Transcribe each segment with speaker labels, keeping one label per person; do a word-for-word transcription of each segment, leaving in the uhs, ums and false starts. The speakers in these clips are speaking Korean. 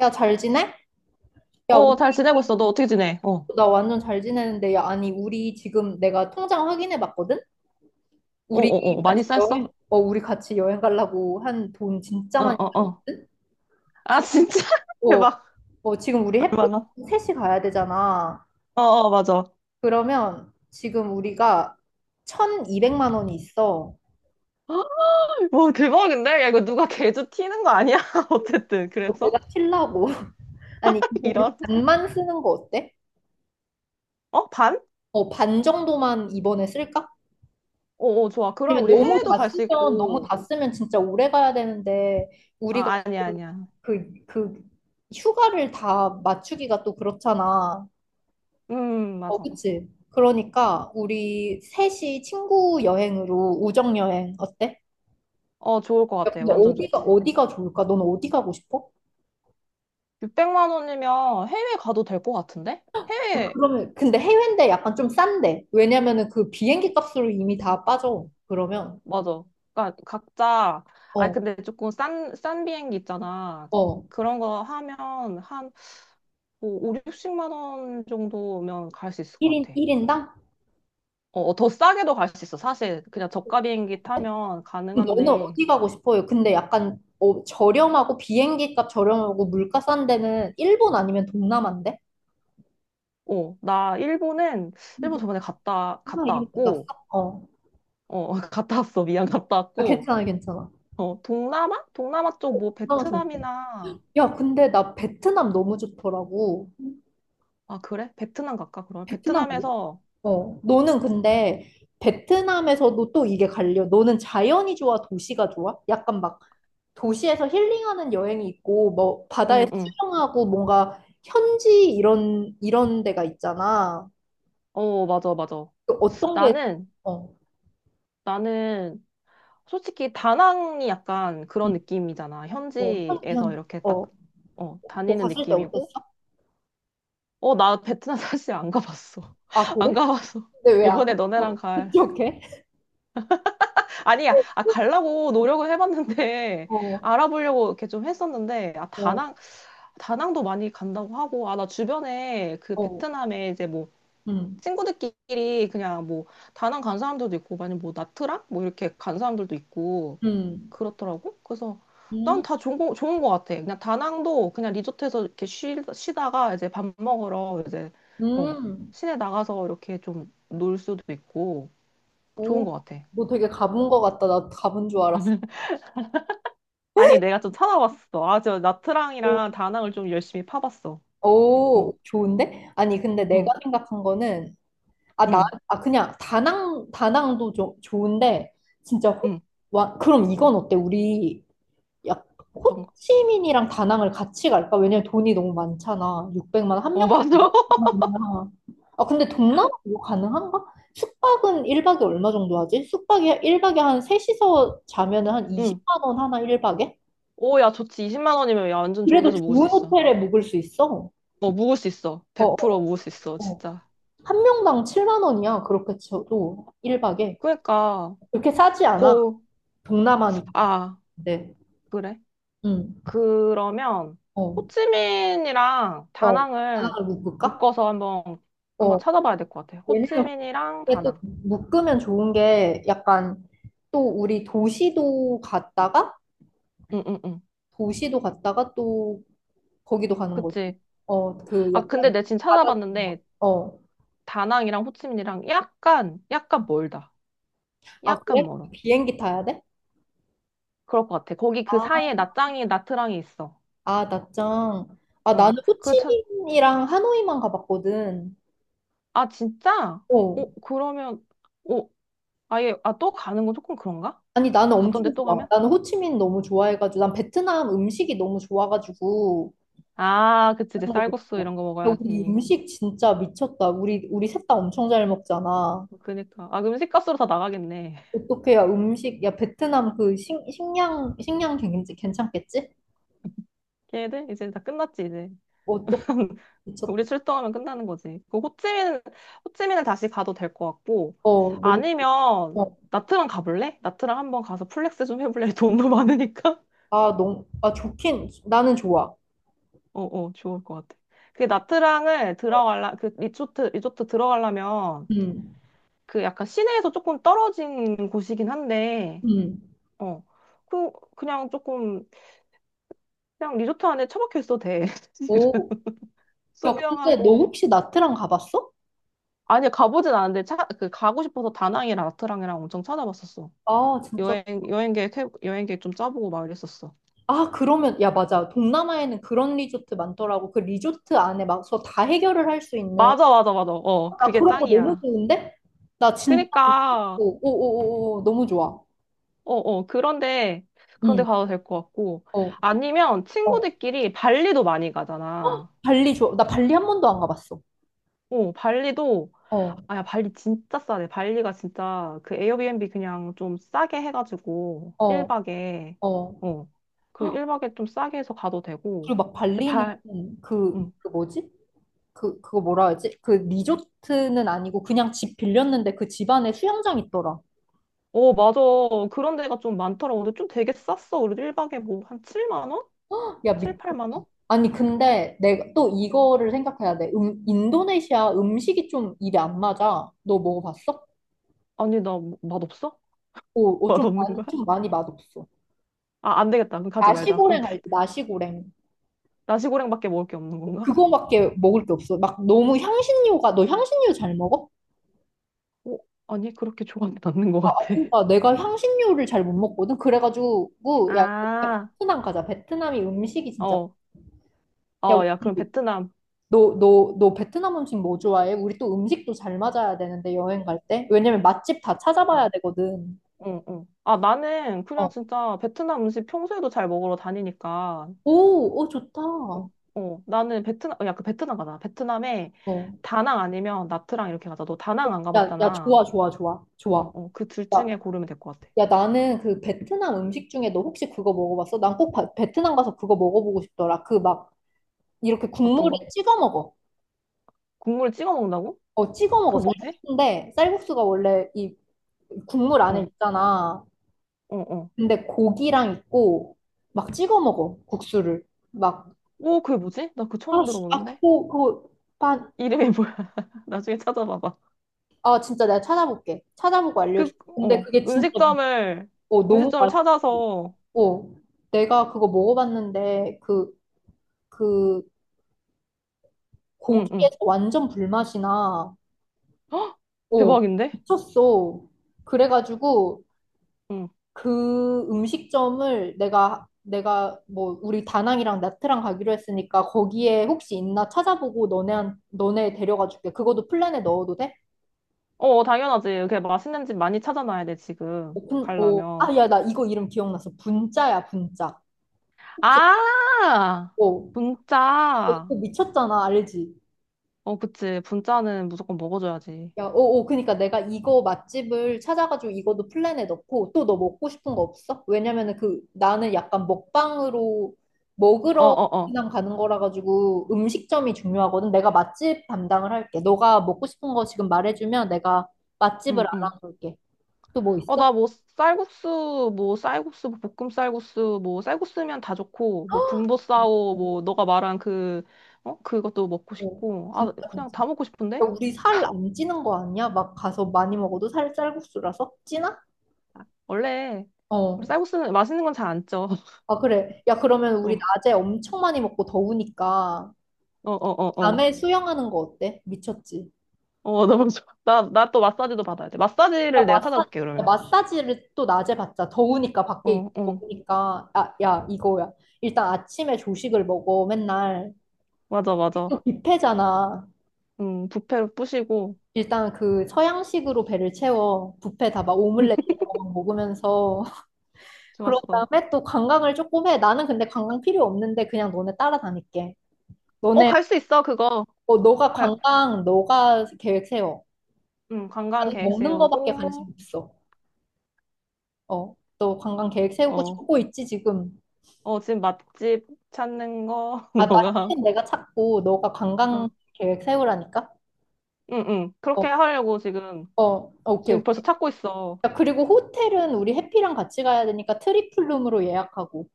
Speaker 1: 야, 잘 지내? 야,
Speaker 2: 어,
Speaker 1: 우리-
Speaker 2: 잘 지내고 있어. 너 어떻게 지내? 어, 어,
Speaker 1: 나 완전 잘 지내는데, 야, 아니, 우리 지금 내가 통장 확인해 봤거든?
Speaker 2: 어,
Speaker 1: 우리
Speaker 2: 어. 많이
Speaker 1: 같이 여행,
Speaker 2: 쌌어?
Speaker 1: 어, 우리 같이 여행 가려고 한 돈 진짜
Speaker 2: 어,
Speaker 1: 많이
Speaker 2: 어, 어.
Speaker 1: 들었거든?
Speaker 2: 아,
Speaker 1: 지금,
Speaker 2: 진짜?
Speaker 1: 어,
Speaker 2: 대박.
Speaker 1: 어, 지금 우리 햇빛
Speaker 2: 얼마나?
Speaker 1: 셋이 가야 되잖아.
Speaker 2: 어, 어, 맞아.
Speaker 1: 그러면 지금 우리가 천이백만 원이 있어.
Speaker 2: 와, 대박인데? 야, 이거 누가 개주 튀는 거 아니야? 어쨌든.
Speaker 1: 어,
Speaker 2: 그래서?
Speaker 1: 내가 칠라고. 아니, 이거 우리
Speaker 2: 이런.
Speaker 1: 반만 쓰는 거 어때?
Speaker 2: 어, 반?
Speaker 1: 어, 반 정도만 이번에 쓸까?
Speaker 2: 어, 어, 좋아. 그럼
Speaker 1: 왜냐면
Speaker 2: 우리
Speaker 1: 너무
Speaker 2: 해외도
Speaker 1: 다
Speaker 2: 갈 수
Speaker 1: 쓰면 너무
Speaker 2: 있고.
Speaker 1: 다 쓰면 진짜 오래 가야 되는데 우리가
Speaker 2: 아, 아니야,
Speaker 1: 지금
Speaker 2: 아니야.
Speaker 1: 그, 그 휴가를 다 맞추기가 또 그렇잖아.
Speaker 2: 음,
Speaker 1: 어,
Speaker 2: 맞아.
Speaker 1: 그치? 그러니까 우리 셋이 친구 여행으로 우정 여행 어때?
Speaker 2: 어, 좋을 것
Speaker 1: 야,
Speaker 2: 같아.
Speaker 1: 근데
Speaker 2: 완전
Speaker 1: 어디가
Speaker 2: 좋지.
Speaker 1: 어디가 좋을까? 넌 어디 가고 싶어?
Speaker 2: 육백만 원이면 해외 가도 될 것 같은데?
Speaker 1: 어,
Speaker 2: 해외.
Speaker 1: 그러면 근데 해외인데 약간 좀 싼데. 왜냐면은 그 비행기 값으로 이미 다 빠져. 그러면
Speaker 2: 맞아. 그러니까 각자. 아
Speaker 1: 어,
Speaker 2: 근데 조금 싼 싼 비행기 있잖아.
Speaker 1: 어.
Speaker 2: 그런 거 하면 한뭐 오, 육십만 원 정도면 갈 수 있을
Speaker 1: 일
Speaker 2: 것
Speaker 1: 인
Speaker 2: 같아.
Speaker 1: 일인당?
Speaker 2: 어, 어, 더 싸게도 갈 수 있어. 사실 그냥 저가 비행기 타면
Speaker 1: 너는
Speaker 2: 가능한데.
Speaker 1: 어디 가고 싶어요? 근데 약간 어, 저렴하고 비행기 값 저렴하고 물가 싼 데는 일본 아니면 동남아인데?
Speaker 2: 어, 나 일본은, 일본
Speaker 1: 뭐,
Speaker 2: 저번에 갔다
Speaker 1: 하나
Speaker 2: 갔다
Speaker 1: 이름이 났어?
Speaker 2: 왔고.
Speaker 1: 어.
Speaker 2: 어, 갔다 왔어. 미안. 갔다
Speaker 1: 아,
Speaker 2: 왔고.
Speaker 1: 괜찮아, 괜찮아.
Speaker 2: 어, 동남아? 동남아 쪽 뭐
Speaker 1: 동남아 좋은데.
Speaker 2: 베트남이나.
Speaker 1: 야, 근데 나 베트남 너무 좋더라고.
Speaker 2: 아, 그래? 베트남 갈까? 그러면
Speaker 1: 베트남 갈래?
Speaker 2: 베트남에서.
Speaker 1: 어. 너는 근데 베트남에서도 또 이게 갈려. 너는 자연이 좋아, 도시가 좋아? 약간 막 도시에서 힐링하는 여행이 있고, 뭐
Speaker 2: 응,
Speaker 1: 바다에서
Speaker 2: 응.
Speaker 1: 수영하고 뭔가 현지 이런 이런 데가 있잖아.
Speaker 2: 어, 맞아, 맞아.
Speaker 1: 그 어떤 게,
Speaker 2: 나는
Speaker 1: 어,
Speaker 2: 나는 솔직히 다낭이 약간
Speaker 1: 응,
Speaker 2: 그런 느낌이잖아.
Speaker 1: 어, 현,
Speaker 2: 현지에서
Speaker 1: 현,
Speaker 2: 이렇게 딱,
Speaker 1: 어,
Speaker 2: 어,
Speaker 1: 거
Speaker 2: 다니는
Speaker 1: 갔을 때 어땠어?
Speaker 2: 느낌이고. 어, 나 베트남 사실 안 가봤어.
Speaker 1: 아,
Speaker 2: 안
Speaker 1: 그래?
Speaker 2: 가봤어.
Speaker 1: 근데 왜 안합
Speaker 2: 이번에 너네랑
Speaker 1: 어
Speaker 2: 갈.
Speaker 1: 합격해?
Speaker 2: 아니야, 아, 가려고 노력을 해봤는데,
Speaker 1: 어,
Speaker 2: 알아보려고 이렇게 좀 했었는데, 아,
Speaker 1: 어,
Speaker 2: 다낭, 다낭도 많이 간다고 하고, 아, 나 주변에 그
Speaker 1: 어,
Speaker 2: 베트남에 이제 뭐,
Speaker 1: 음,
Speaker 2: 친구들끼리 그냥 뭐, 다낭 간 사람들도 있고, 아니면 뭐, 나트랑? 뭐, 이렇게 간 사람들도 있고,
Speaker 1: 음,
Speaker 2: 그렇더라고. 그래서
Speaker 1: 음,
Speaker 2: 난 다 좋은 거, 좋은 거 같아. 그냥 다낭도 그냥 리조트에서 이렇게 쉬, 쉬다가 이제 밥 먹으러 이제, 어,
Speaker 1: 음,
Speaker 2: 시내 나가서 이렇게 좀 놀 수도 있고 좋은
Speaker 1: 오,
Speaker 2: 거 같아.
Speaker 1: 너 되게 가본 거 같다. 나 가본 줄 알았어.
Speaker 2: 아니, 내가 좀 찾아봤어. 아, 저
Speaker 1: 오,
Speaker 2: 나트랑이랑 다낭을 좀 열심히 파봤어. 어,
Speaker 1: 오, 좋은데? 아니, 근데
Speaker 2: 응,
Speaker 1: 내가 생각한 거는, 아, 나,
Speaker 2: 응,
Speaker 1: 아, 그냥 다낭, 다낭도 좀 좋은데, 진짜 호,
Speaker 2: 응.
Speaker 1: 와, 그럼 이건 어때? 우리 약
Speaker 2: 어떤 거?
Speaker 1: 호치민이랑 다낭을 같이 갈까? 왜냐면 돈이 너무 많잖아. 육백만 원, 한
Speaker 2: 어, 맞아.
Speaker 1: 명당이야. 아, 근데 동남아 이거 가능한가? 숙박은 일 박에 얼마 정도 하지? 숙박이 일 박에 한 셋이서 자면은 한
Speaker 2: 응.
Speaker 1: 이십만 원 하나 일 박에?
Speaker 2: 오, 야, 좋지. 이십만 원이면 야, 완전 좋은
Speaker 1: 그래도
Speaker 2: 데서 묵을 수
Speaker 1: 좋은
Speaker 2: 있어.
Speaker 1: 호텔에 묵을 수 있어.
Speaker 2: 어, 묵을 수 있어.
Speaker 1: 어,
Speaker 2: 백 퍼센트
Speaker 1: 어,
Speaker 2: 묵을 수 있어,
Speaker 1: 어. 어.
Speaker 2: 진짜.
Speaker 1: 한 명당 칠만 원이야. 그렇게 쳐도 일 박에.
Speaker 2: 그러니까,
Speaker 1: 그렇게 싸지 않아.
Speaker 2: 고,
Speaker 1: 동남아니까.
Speaker 2: 아,
Speaker 1: 네.
Speaker 2: 그래?
Speaker 1: 응.
Speaker 2: 그러면
Speaker 1: 어.
Speaker 2: 호치민이랑
Speaker 1: 어.
Speaker 2: 다낭을
Speaker 1: 다낭을 묵을까?
Speaker 2: 묶어서 한번, 한번
Speaker 1: 어.
Speaker 2: 찾아봐야 될 것 같아.
Speaker 1: 왜냐면
Speaker 2: 호치민이랑
Speaker 1: 이게 또
Speaker 2: 다낭.
Speaker 1: 묶으면 좋은 게 약간 또 우리 도시도 갔다가
Speaker 2: 응응응.
Speaker 1: 도시도 갔다가 또 거기도 가는 거지.
Speaker 2: 그치.
Speaker 1: 어, 그
Speaker 2: 아 근데
Speaker 1: 약간
Speaker 2: 내 지금
Speaker 1: 바다 같은 거.
Speaker 2: 찾아봤는데
Speaker 1: 어.
Speaker 2: 다낭이랑 호치민이랑 약간 약간 멀다.
Speaker 1: 아, 그래?
Speaker 2: 약간 멀어.
Speaker 1: 비행기 타야 돼?
Speaker 2: 그럴 것 같아. 거기 그
Speaker 1: 아,
Speaker 2: 사이에 나짱이 나트랑이 있어.
Speaker 1: 아, 낮장. 아,
Speaker 2: 어.
Speaker 1: 나는
Speaker 2: 그렇
Speaker 1: 호치민이랑 하노이만 가봤거든.
Speaker 2: 아 진짜?
Speaker 1: 어.
Speaker 2: 어 그러면, 어 아예, 아 또 가는 건 조금 그런가?
Speaker 1: 아니, 나는 엄청
Speaker 2: 갔던데 또
Speaker 1: 좋아.
Speaker 2: 가면?
Speaker 1: 나는 호치민 너무 좋아해가지고, 난 베트남 음식이 너무 좋아가지고,
Speaker 2: 아 그치 이제
Speaker 1: 그런 것도
Speaker 2: 쌀국수
Speaker 1: 좋아.
Speaker 2: 이런 거
Speaker 1: 야, 우리
Speaker 2: 먹어야지.
Speaker 1: 음식 진짜 미쳤다. 우리, 우리 셋 다 엄청 잘 먹잖아.
Speaker 2: 그니까. 아, 그럼 식값으로 다 나가겠네.
Speaker 1: 어떻게 야 음식 야 베트남 그 식, 식량 식량 괜찮- 괜찮겠지?
Speaker 2: 걔네들? 이제 다 끝났지, 이제.
Speaker 1: 어떡
Speaker 2: 우리
Speaker 1: 미쳤다.
Speaker 2: 출동하면 끝나는 거지. 그 호찌민, 호찌민은 다시 가도 될 것 같고,
Speaker 1: 어 너무
Speaker 2: 아니면,
Speaker 1: 어,
Speaker 2: 나트랑 가볼래? 나트랑 한번 가서 플렉스 좀 해볼래? 돈도 많으니까?
Speaker 1: 아 너무 아 좋긴 나는 좋아.
Speaker 2: 어, 어, 좋을 것 같아. 그 나트랑을 들어갈라, 그 리조트, 리조트 들어가려면,
Speaker 1: 음.
Speaker 2: 그 약간 시내에서 조금 떨어진 곳이긴 한데,
Speaker 1: 음.
Speaker 2: 어. 그, 그냥 조금, 그냥 리조트 안에 처박혀 있어도 돼. 사실은.
Speaker 1: 오. 야 근데 너
Speaker 2: 수영하고,
Speaker 1: 혹시 나트랑 가봤어?
Speaker 2: 아니, 가보진 않았는데, 차, 그, 가고 싶어서 다낭이랑 나트랑이랑 엄청 찾아봤었어.
Speaker 1: 아 진짜
Speaker 2: 여행, 여행 계획, 해- 여행 계획 좀 짜보고 막 이랬었어.
Speaker 1: 아 그러면 야 맞아 동남아에는 그런 리조트 많더라고 그 리조트 안에 막서 다 해결을 할 수 있는
Speaker 2: 맞아, 맞아, 맞아. 어,
Speaker 1: 나
Speaker 2: 그게
Speaker 1: 그런 거 너무
Speaker 2: 짱이야.
Speaker 1: 좋은데 나 진짜
Speaker 2: 그니까,
Speaker 1: 오오오오 너무 좋아
Speaker 2: 어, 어, 그런데, 그런데
Speaker 1: 응
Speaker 2: 가도 될 것 같고.
Speaker 1: 어
Speaker 2: 아니면
Speaker 1: 어
Speaker 2: 친구들끼리 발리도 많이 가잖아.
Speaker 1: 발리 좋아 나 발리 한 번도 안 가봤어
Speaker 2: 어, 발리도,
Speaker 1: 어,
Speaker 2: 아, 야, 발리 진짜 싸네. 발리가 진짜 그 에어비앤비 그냥 좀 싸게 해가지고,
Speaker 1: 어,
Speaker 2: 일 박에,
Speaker 1: 어.
Speaker 2: 어, 그리고 일박에 좀 싸게 해서 가도 되고.
Speaker 1: 그리고 막
Speaker 2: 근데
Speaker 1: 발리는
Speaker 2: 발,
Speaker 1: 그,
Speaker 2: 음.
Speaker 1: 그 뭐지? 그, 그거 뭐라 하지? 그 리조트는 아니고 그냥 집 빌렸는데 그 집 안에 수영장 있더라.
Speaker 2: 어, 맞아. 그런 데가 좀 많더라고. 근데 좀 되게 쌌어. 우리 일 박에 뭐 한 칠만 원?
Speaker 1: 야,
Speaker 2: 칠,
Speaker 1: 미
Speaker 2: 팔만 원?
Speaker 1: 아니, 근데 내가 또 이거를 생각해야 돼. 음, 인도네시아 음식이 좀 입에 안 맞아. 너 먹어봤어?
Speaker 2: 아니, 나 뭐, 맛없어?
Speaker 1: 오, 오, 좀
Speaker 2: 맛없는 거야?
Speaker 1: 많이, 좀 많이 맛없어.
Speaker 2: 아, 안 되겠다. 그럼 가지 말자. 그럼
Speaker 1: 나시고랭 알지? 나시고랭.
Speaker 2: 나시고랭밖에 먹을 게 없는 건가?
Speaker 1: 그거밖에 먹을 게 없어. 막 너무 향신료가, 너 향신료 잘 먹어?
Speaker 2: 어, 아니, 그렇게 좋아하는 않는 것
Speaker 1: 아, 아,
Speaker 2: 같아.
Speaker 1: 그러니까 내가 향신료를 잘 못 먹거든. 그래가지고 야
Speaker 2: 아,
Speaker 1: 베트남 가자. 베트남이 음식이 진짜
Speaker 2: 어,
Speaker 1: 야
Speaker 2: 어, 야,
Speaker 1: 우리
Speaker 2: 그럼 베트남.
Speaker 1: 너너너 베트남 음식 뭐 좋아해? 우리 또 음식도 잘 맞아야 되는데 여행 갈 때. 왜냐면 맛집 다
Speaker 2: 어,
Speaker 1: 찾아봐야 되거든.
Speaker 2: 응, 응. 아, 나는 그냥
Speaker 1: 어.
Speaker 2: 진짜 베트남 음식 평소에도 잘 먹으러 다니니까.
Speaker 1: 오, 오 좋다.
Speaker 2: 어, 어, 나는 베트남, 어, 야, 그 베트남 가자. 베트남에
Speaker 1: 어.
Speaker 2: 다낭 아니면 나트랑 이렇게 가자. 너 다낭 안
Speaker 1: 야, 야
Speaker 2: 가봤잖아.
Speaker 1: 좋아 좋아 좋아
Speaker 2: 어,
Speaker 1: 좋아.
Speaker 2: 어, 그 둘 중에
Speaker 1: 야,
Speaker 2: 고르면 될 것 같아.
Speaker 1: 야 나는 그 베트남 음식 중에 너 혹시 그거 먹어봤어? 난 꼭 베트남 가서 그거 먹어보고 싶더라. 그 막 이렇게
Speaker 2: 어떤
Speaker 1: 국물에
Speaker 2: 거?
Speaker 1: 찍어 먹어.
Speaker 2: 국물 찍어 먹는다고?
Speaker 1: 어, 찍어 먹어.
Speaker 2: 그게 뭐지?
Speaker 1: 쌀국수인데, 쌀국수가 원래 이 국물 안에
Speaker 2: 어,
Speaker 1: 있잖아.
Speaker 2: 어, 어.
Speaker 1: 근데 고기랑 있고 막 찍어 먹어 국수를 막
Speaker 2: 오, 그게 뭐지? 나 그거
Speaker 1: 아,
Speaker 2: 처음
Speaker 1: 씨, 아
Speaker 2: 들어보는데?
Speaker 1: 그거 그거 반,
Speaker 2: 이름이 뭐야? 나중에 찾아봐봐.
Speaker 1: 아 진짜 내가 찾아볼게. 찾아보고
Speaker 2: 그,
Speaker 1: 알려줄게. 근데
Speaker 2: 어,
Speaker 1: 그게 진짜
Speaker 2: 음식점을,
Speaker 1: 어, 너무
Speaker 2: 음식점을 찾아서,
Speaker 1: 맛있고 내가 그거 먹어봤는데 그 그
Speaker 2: 응, 응.
Speaker 1: 고기에서 완전 불맛이 나.
Speaker 2: 헉,
Speaker 1: 어
Speaker 2: 대박인데?
Speaker 1: 미쳤어. 그래가지고
Speaker 2: 응.
Speaker 1: 그 음식점을 내가 내가 뭐 우리 다낭이랑 나트랑 가기로 했으니까 거기에 혹시 있나 찾아보고 너네 너네 데려가 줄게. 그것도 플랜에 넣어도 돼?
Speaker 2: 어, 당연하지. 이렇게 맛있는 집 많이 찾아놔야 돼, 지금.
Speaker 1: 오픈 오.
Speaker 2: 가려면.
Speaker 1: 아, 야, 나 이거 이름 기억났어. 분짜야, 분짜. 혹시
Speaker 2: 아!
Speaker 1: 오.
Speaker 2: 분짜.
Speaker 1: 이거 미쳤잖아, 알지?
Speaker 2: 어, 그치. 분짜는 무조건 먹어줘야지.
Speaker 1: 야, 오, 오, 그니까 내가 이거 맛집을 찾아가지고 이것도 플랜에 넣고 또 너 먹고 싶은 거 없어? 왜냐면은 그 나는 약간 먹방으로
Speaker 2: 어,
Speaker 1: 먹으러
Speaker 2: 어, 어.
Speaker 1: 그냥 가는 거라 가지고 음식점이 중요하거든. 내가 맛집 담당을 할게. 너가 먹고 싶은 거 지금 말해주면 내가 맛집을
Speaker 2: 응, 응.
Speaker 1: 알아볼게. 또 뭐
Speaker 2: 어,
Speaker 1: 있어?
Speaker 2: 나 뭐 쌀국수, 뭐 쌀국수, 뭐 볶음 쌀국수, 뭐 쌀국수면 다 좋고, 뭐 분보싸오, 뭐 너가 말한 그, 어? 그것도 먹고
Speaker 1: 어,
Speaker 2: 싶고. 아,
Speaker 1: 진짜
Speaker 2: 그냥
Speaker 1: 진짜.
Speaker 2: 다 먹고
Speaker 1: 야,
Speaker 2: 싶은데?
Speaker 1: 우리 살 안 찌는 거 아니야? 막 가서 많이 먹어도 살 쌀국수라서 찌나?
Speaker 2: 원래 우리
Speaker 1: 어.
Speaker 2: 쌀국수는 맛있는 건 잘 안 쪄.
Speaker 1: 아, 그래. 야, 그러면
Speaker 2: 어,
Speaker 1: 우리
Speaker 2: 어,
Speaker 1: 낮에 엄청 많이 먹고 더우니까.
Speaker 2: 어, 어, 어.
Speaker 1: 밤에 수영하는 거 어때? 미쳤지.
Speaker 2: 어, 너무 좋아. 나, 나 또 마사지도 받아야 돼.
Speaker 1: 야,
Speaker 2: 마사지를 내가
Speaker 1: 마사,
Speaker 2: 찾아볼게,
Speaker 1: 야,
Speaker 2: 그러면.
Speaker 1: 마사지를 또 낮에 받자. 더우니까 밖에 있-
Speaker 2: 어, 어.
Speaker 1: 더우니까. 아, 야, 이거야. 일단 아침에 조식을 먹어. 맨날
Speaker 2: 맞아, 맞아.
Speaker 1: 또 뷔페잖아.
Speaker 2: 음, 뷔페로 부시고.
Speaker 1: 일단 그 서양식으로 배를 채워. 뷔페 다 막 오믈렛 이런 거 막 먹으면서. 그런
Speaker 2: 좋았어.
Speaker 1: 다음에 또 관광을 조금 해. 나는 근데 관광 필요 없는데 그냥 너네 따라다닐게.
Speaker 2: 어,
Speaker 1: 너네,
Speaker 2: 갈 수 있어, 그거.
Speaker 1: 어, 너가
Speaker 2: 갈,
Speaker 1: 관광, 너가 계획 세워.
Speaker 2: 응 관광
Speaker 1: 나는
Speaker 2: 계획
Speaker 1: 먹는 거밖에 관심
Speaker 2: 세우고,
Speaker 1: 없어. 어, 너 관광 계획 세우고
Speaker 2: 어.
Speaker 1: 싶고 있지, 지금.
Speaker 2: 어, 지금 맛집 찾는 거
Speaker 1: 아,
Speaker 2: 너가
Speaker 1: 맛집은
Speaker 2: 하고.
Speaker 1: 내가 찾고, 너가
Speaker 2: 어.
Speaker 1: 관광 계획 세우라니까?
Speaker 2: 응, 응. 그렇게
Speaker 1: 어,
Speaker 2: 하려고 지금,
Speaker 1: 어, 오케이,
Speaker 2: 지금 벌써
Speaker 1: 오케이.
Speaker 2: 찾고 있어.
Speaker 1: 야, 그리고 호텔은 우리 해피랑 같이 가야 되니까 트리플룸으로 예약하고.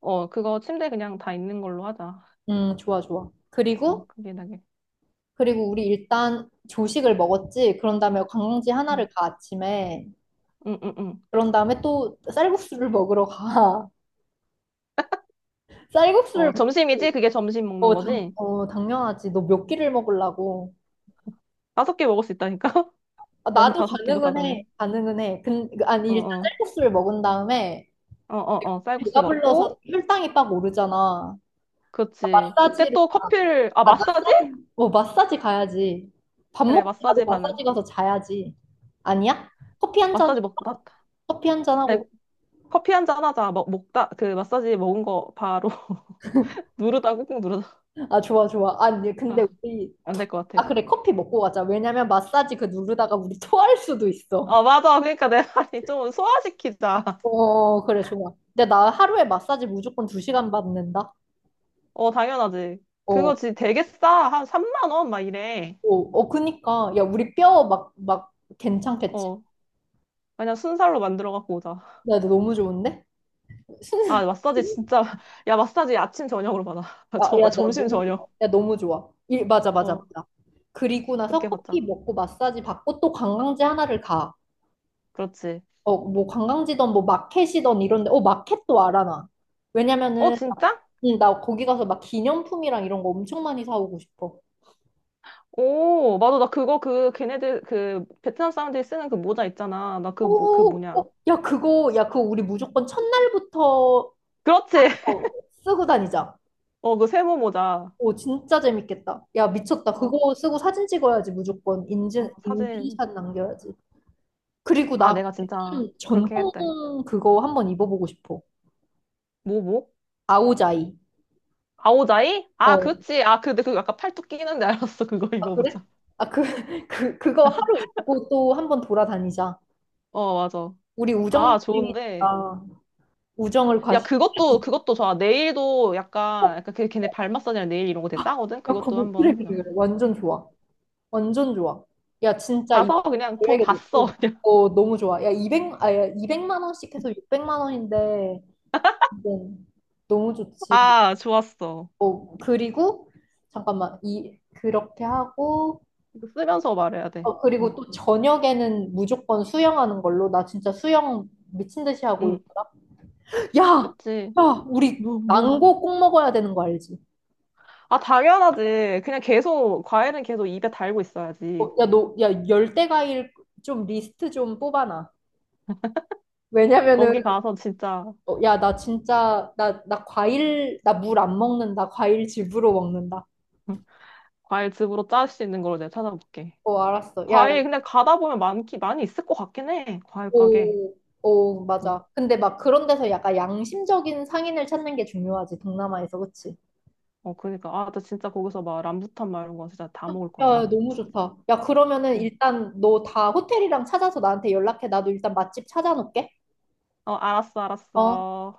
Speaker 2: 어, 그거 침대 그냥 다 있는 걸로 하자.
Speaker 1: 음, 좋아, 좋아.
Speaker 2: 어,
Speaker 1: 그리고,
Speaker 2: 그게 나게.
Speaker 1: 그리고 우리 일단 조식을 먹었지. 그런 다음에 관광지
Speaker 2: 응.
Speaker 1: 하나를 가, 아침에.
Speaker 2: 응, 응, 응.
Speaker 1: 그런 다음에 또 쌀국수를 먹으러 가. 쌀국수를,
Speaker 2: 어,
Speaker 1: 먹-
Speaker 2: 점심이지? 그게 점심 먹는
Speaker 1: 어, 당,
Speaker 2: 거지?
Speaker 1: 어, 당연하지. 너 몇 끼를 먹으려고.
Speaker 2: 다섯 개 먹을 수 있다니까?
Speaker 1: 아,
Speaker 2: 난
Speaker 1: 나도
Speaker 2: 다섯 끼도
Speaker 1: 가능은 해.
Speaker 2: 가다는.
Speaker 1: 가능은 해. 근, 그, 아니,
Speaker 2: 어,
Speaker 1: 일단
Speaker 2: 어.
Speaker 1: 쌀국수를 먹은 다음에
Speaker 2: 어, 어, 어. 쌀국수
Speaker 1: 배가 불러서
Speaker 2: 먹고.
Speaker 1: 혈당이 빡 오르잖아.
Speaker 2: 그렇지. 그때
Speaker 1: 마사지를,
Speaker 2: 또 커피를, 아,
Speaker 1: 아,
Speaker 2: 마사지?
Speaker 1: 마사지, 어, 마사지 가야지. 밥
Speaker 2: 그래.
Speaker 1: 먹고 바로
Speaker 2: 마사지 반응.
Speaker 1: 마사지 가서 자야지. 아니야? 커피 한 잔,
Speaker 2: 마사지 먹 마...
Speaker 1: 커피 한 잔
Speaker 2: 아니,
Speaker 1: 하고.
Speaker 2: 커피 한 잔 하자. 먹, 먹다 그 마사지 먹은 거 바로 누르다 꾹꾹 누르다.
Speaker 1: 아, 좋아, 좋아. 아니, 근데
Speaker 2: 아.
Speaker 1: 우리,
Speaker 2: 안 될 것 같아.
Speaker 1: 아, 그래, 커피 먹고 가자. 왜냐면 마사지 그 누르다가 우리 토할 수도 있어.
Speaker 2: 아, 맞아. 그러니까 내 말이 좀 소화시키자.
Speaker 1: 어, 그래, 좋아. 근데 나 하루에 마사지 무조건 두 시간 받는다.
Speaker 2: 어, 당연하지.
Speaker 1: 어.
Speaker 2: 그거 지 되게 싸. 한 삼만 원 막 이래.
Speaker 1: 어, 어, 그니까. 야, 우리 뼈 막, 막, 괜찮겠지?
Speaker 2: 어, 그냥 순살로 만들어 갖고 오자.
Speaker 1: 야, 너 너무 좋은데? 순,
Speaker 2: 아, 마사지
Speaker 1: 순,
Speaker 2: 진짜. 야, 마사지 아침 저녁으로 받아.
Speaker 1: 아,
Speaker 2: 저,
Speaker 1: 야, 너
Speaker 2: 점심
Speaker 1: 너무 좋아.
Speaker 2: 저녁.
Speaker 1: 야, 너무 좋아. 일, 맞아, 맞아,
Speaker 2: 어,
Speaker 1: 맞아. 그리고 나서
Speaker 2: 그렇게
Speaker 1: 커피
Speaker 2: 받자.
Speaker 1: 먹고 마사지 받고 또 관광지 하나를 가.
Speaker 2: 그렇지.
Speaker 1: 어, 뭐 관광지던 뭐 마켓이던 이런데, 어, 마켓도 알아, 나.
Speaker 2: 어,
Speaker 1: 왜냐면은, 나-
Speaker 2: 진짜?
Speaker 1: 응, 나 거기 가서 막 기념품이랑 이런 거 엄청 많이 사오고 싶어.
Speaker 2: 오, 맞아. 나 그거 그 걔네들 그 베트남 사람들이 쓰는 그 모자 있잖아. 나 그 뭐, 그
Speaker 1: 오, 어,
Speaker 2: 뭐냐.
Speaker 1: 야, 그거, 야, 그거 우리 무조건 첫날부터
Speaker 2: 그렇지.
Speaker 1: 어, 쓰고 다니자.
Speaker 2: 어, 그 세모 모자.
Speaker 1: 오, 진짜 재밌겠다. 야, 미쳤다.
Speaker 2: 어,
Speaker 1: 그거 쓰고 사진 찍어야지, 무조건.
Speaker 2: 어,
Speaker 1: 인증,
Speaker 2: 사진.
Speaker 1: 인증샷 남겨야지. 그리고
Speaker 2: 아,
Speaker 1: 나
Speaker 2: 내가 진짜 그렇게
Speaker 1: 전통
Speaker 2: 했대.
Speaker 1: 그거 한번 입어보고 싶어.
Speaker 2: 뭐, 뭐?
Speaker 1: 아오자이.
Speaker 2: 아오자이? 아,
Speaker 1: 어.
Speaker 2: 그치. 아, 그, 근데 그거 약간 팔뚝 끼는데 알았어. 그거
Speaker 1: 아, 그래?
Speaker 2: 입어보자.
Speaker 1: 아, 그, 그, 그거 하루 입고 또 한번 돌아다니자.
Speaker 2: 어, 맞아.
Speaker 1: 우리
Speaker 2: 아, 좋은데.
Speaker 1: 우정이니까 우정을
Speaker 2: 야,
Speaker 1: 과시.
Speaker 2: 그것도, 그것도 좋아. 네일도
Speaker 1: 어,
Speaker 2: 약간, 약간 그 걔네 발 마사지랑 네일 이런 거 되게 싸거든?
Speaker 1: 야, 그거
Speaker 2: 그것도
Speaker 1: 뭐-
Speaker 2: 한번
Speaker 1: 그래, 그래,
Speaker 2: 해보자.
Speaker 1: 그래. 완전 좋아. 완전 좋아. 야, 진짜 이
Speaker 2: 가서 그냥 돈
Speaker 1: 계획에
Speaker 2: 다 써.
Speaker 1: 놓고.
Speaker 2: 그냥.
Speaker 1: 어, 너무 좋아. 야, 이백 아, 야, 이백만 원씩 해서 육백만 원인데. 네. 너무 좋지.
Speaker 2: 아, 좋았어.
Speaker 1: 어, 그리고 잠깐만 이 그렇게 하고
Speaker 2: 이거 쓰면서 말해야 돼.
Speaker 1: 어, 그리고
Speaker 2: 어,
Speaker 1: 또 저녁에는 무조건 수영하는 걸로 나 진짜 수영 미친 듯이 하고
Speaker 2: 응,
Speaker 1: 있구나. 야,
Speaker 2: 그치.
Speaker 1: 야, 우리
Speaker 2: 뭐, 뭐.
Speaker 1: 망고 꼭 먹어야 되는 거 알지?
Speaker 2: 아, 당연하지. 그냥 계속, 과일은 계속 입에 달고 있어야지.
Speaker 1: 어, 야, 너, 야, 열대 과일 좀 리스트 좀 뽑아놔. 왜냐면은
Speaker 2: 거기 가서 진짜
Speaker 1: 어, 야, 나 진짜 나, 나 과일 나 물 안 먹는다. 과일 집으로 먹는다.
Speaker 2: 과일 즙으로 짤 수 있는 걸로 내가 찾아볼게.
Speaker 1: 어, 알았어. 야, 야,
Speaker 2: 과일 근데 가다 보면 많기 많이 있을 것 같긴 해. 과일 가게.
Speaker 1: 오, 오,
Speaker 2: 응.
Speaker 1: 맞아. 근데 막 그런 데서 약간 양심적인 상인을 찾는 게 중요하지, 동남아에서, 그치?
Speaker 2: 어 그러니까 아 나 진짜 거기서 막 람부탄 막 이런 거 진짜 다 먹을 거야
Speaker 1: 야,
Speaker 2: 막.
Speaker 1: 너무
Speaker 2: 진짜.
Speaker 1: 좋다. 야, 그러면은
Speaker 2: 응.
Speaker 1: 일단 너 다 호텔이랑 찾아서 나한테 연락해. 나도 일단 맛집 찾아놓을게.
Speaker 2: 어 알았어,
Speaker 1: 어.
Speaker 2: 알았어.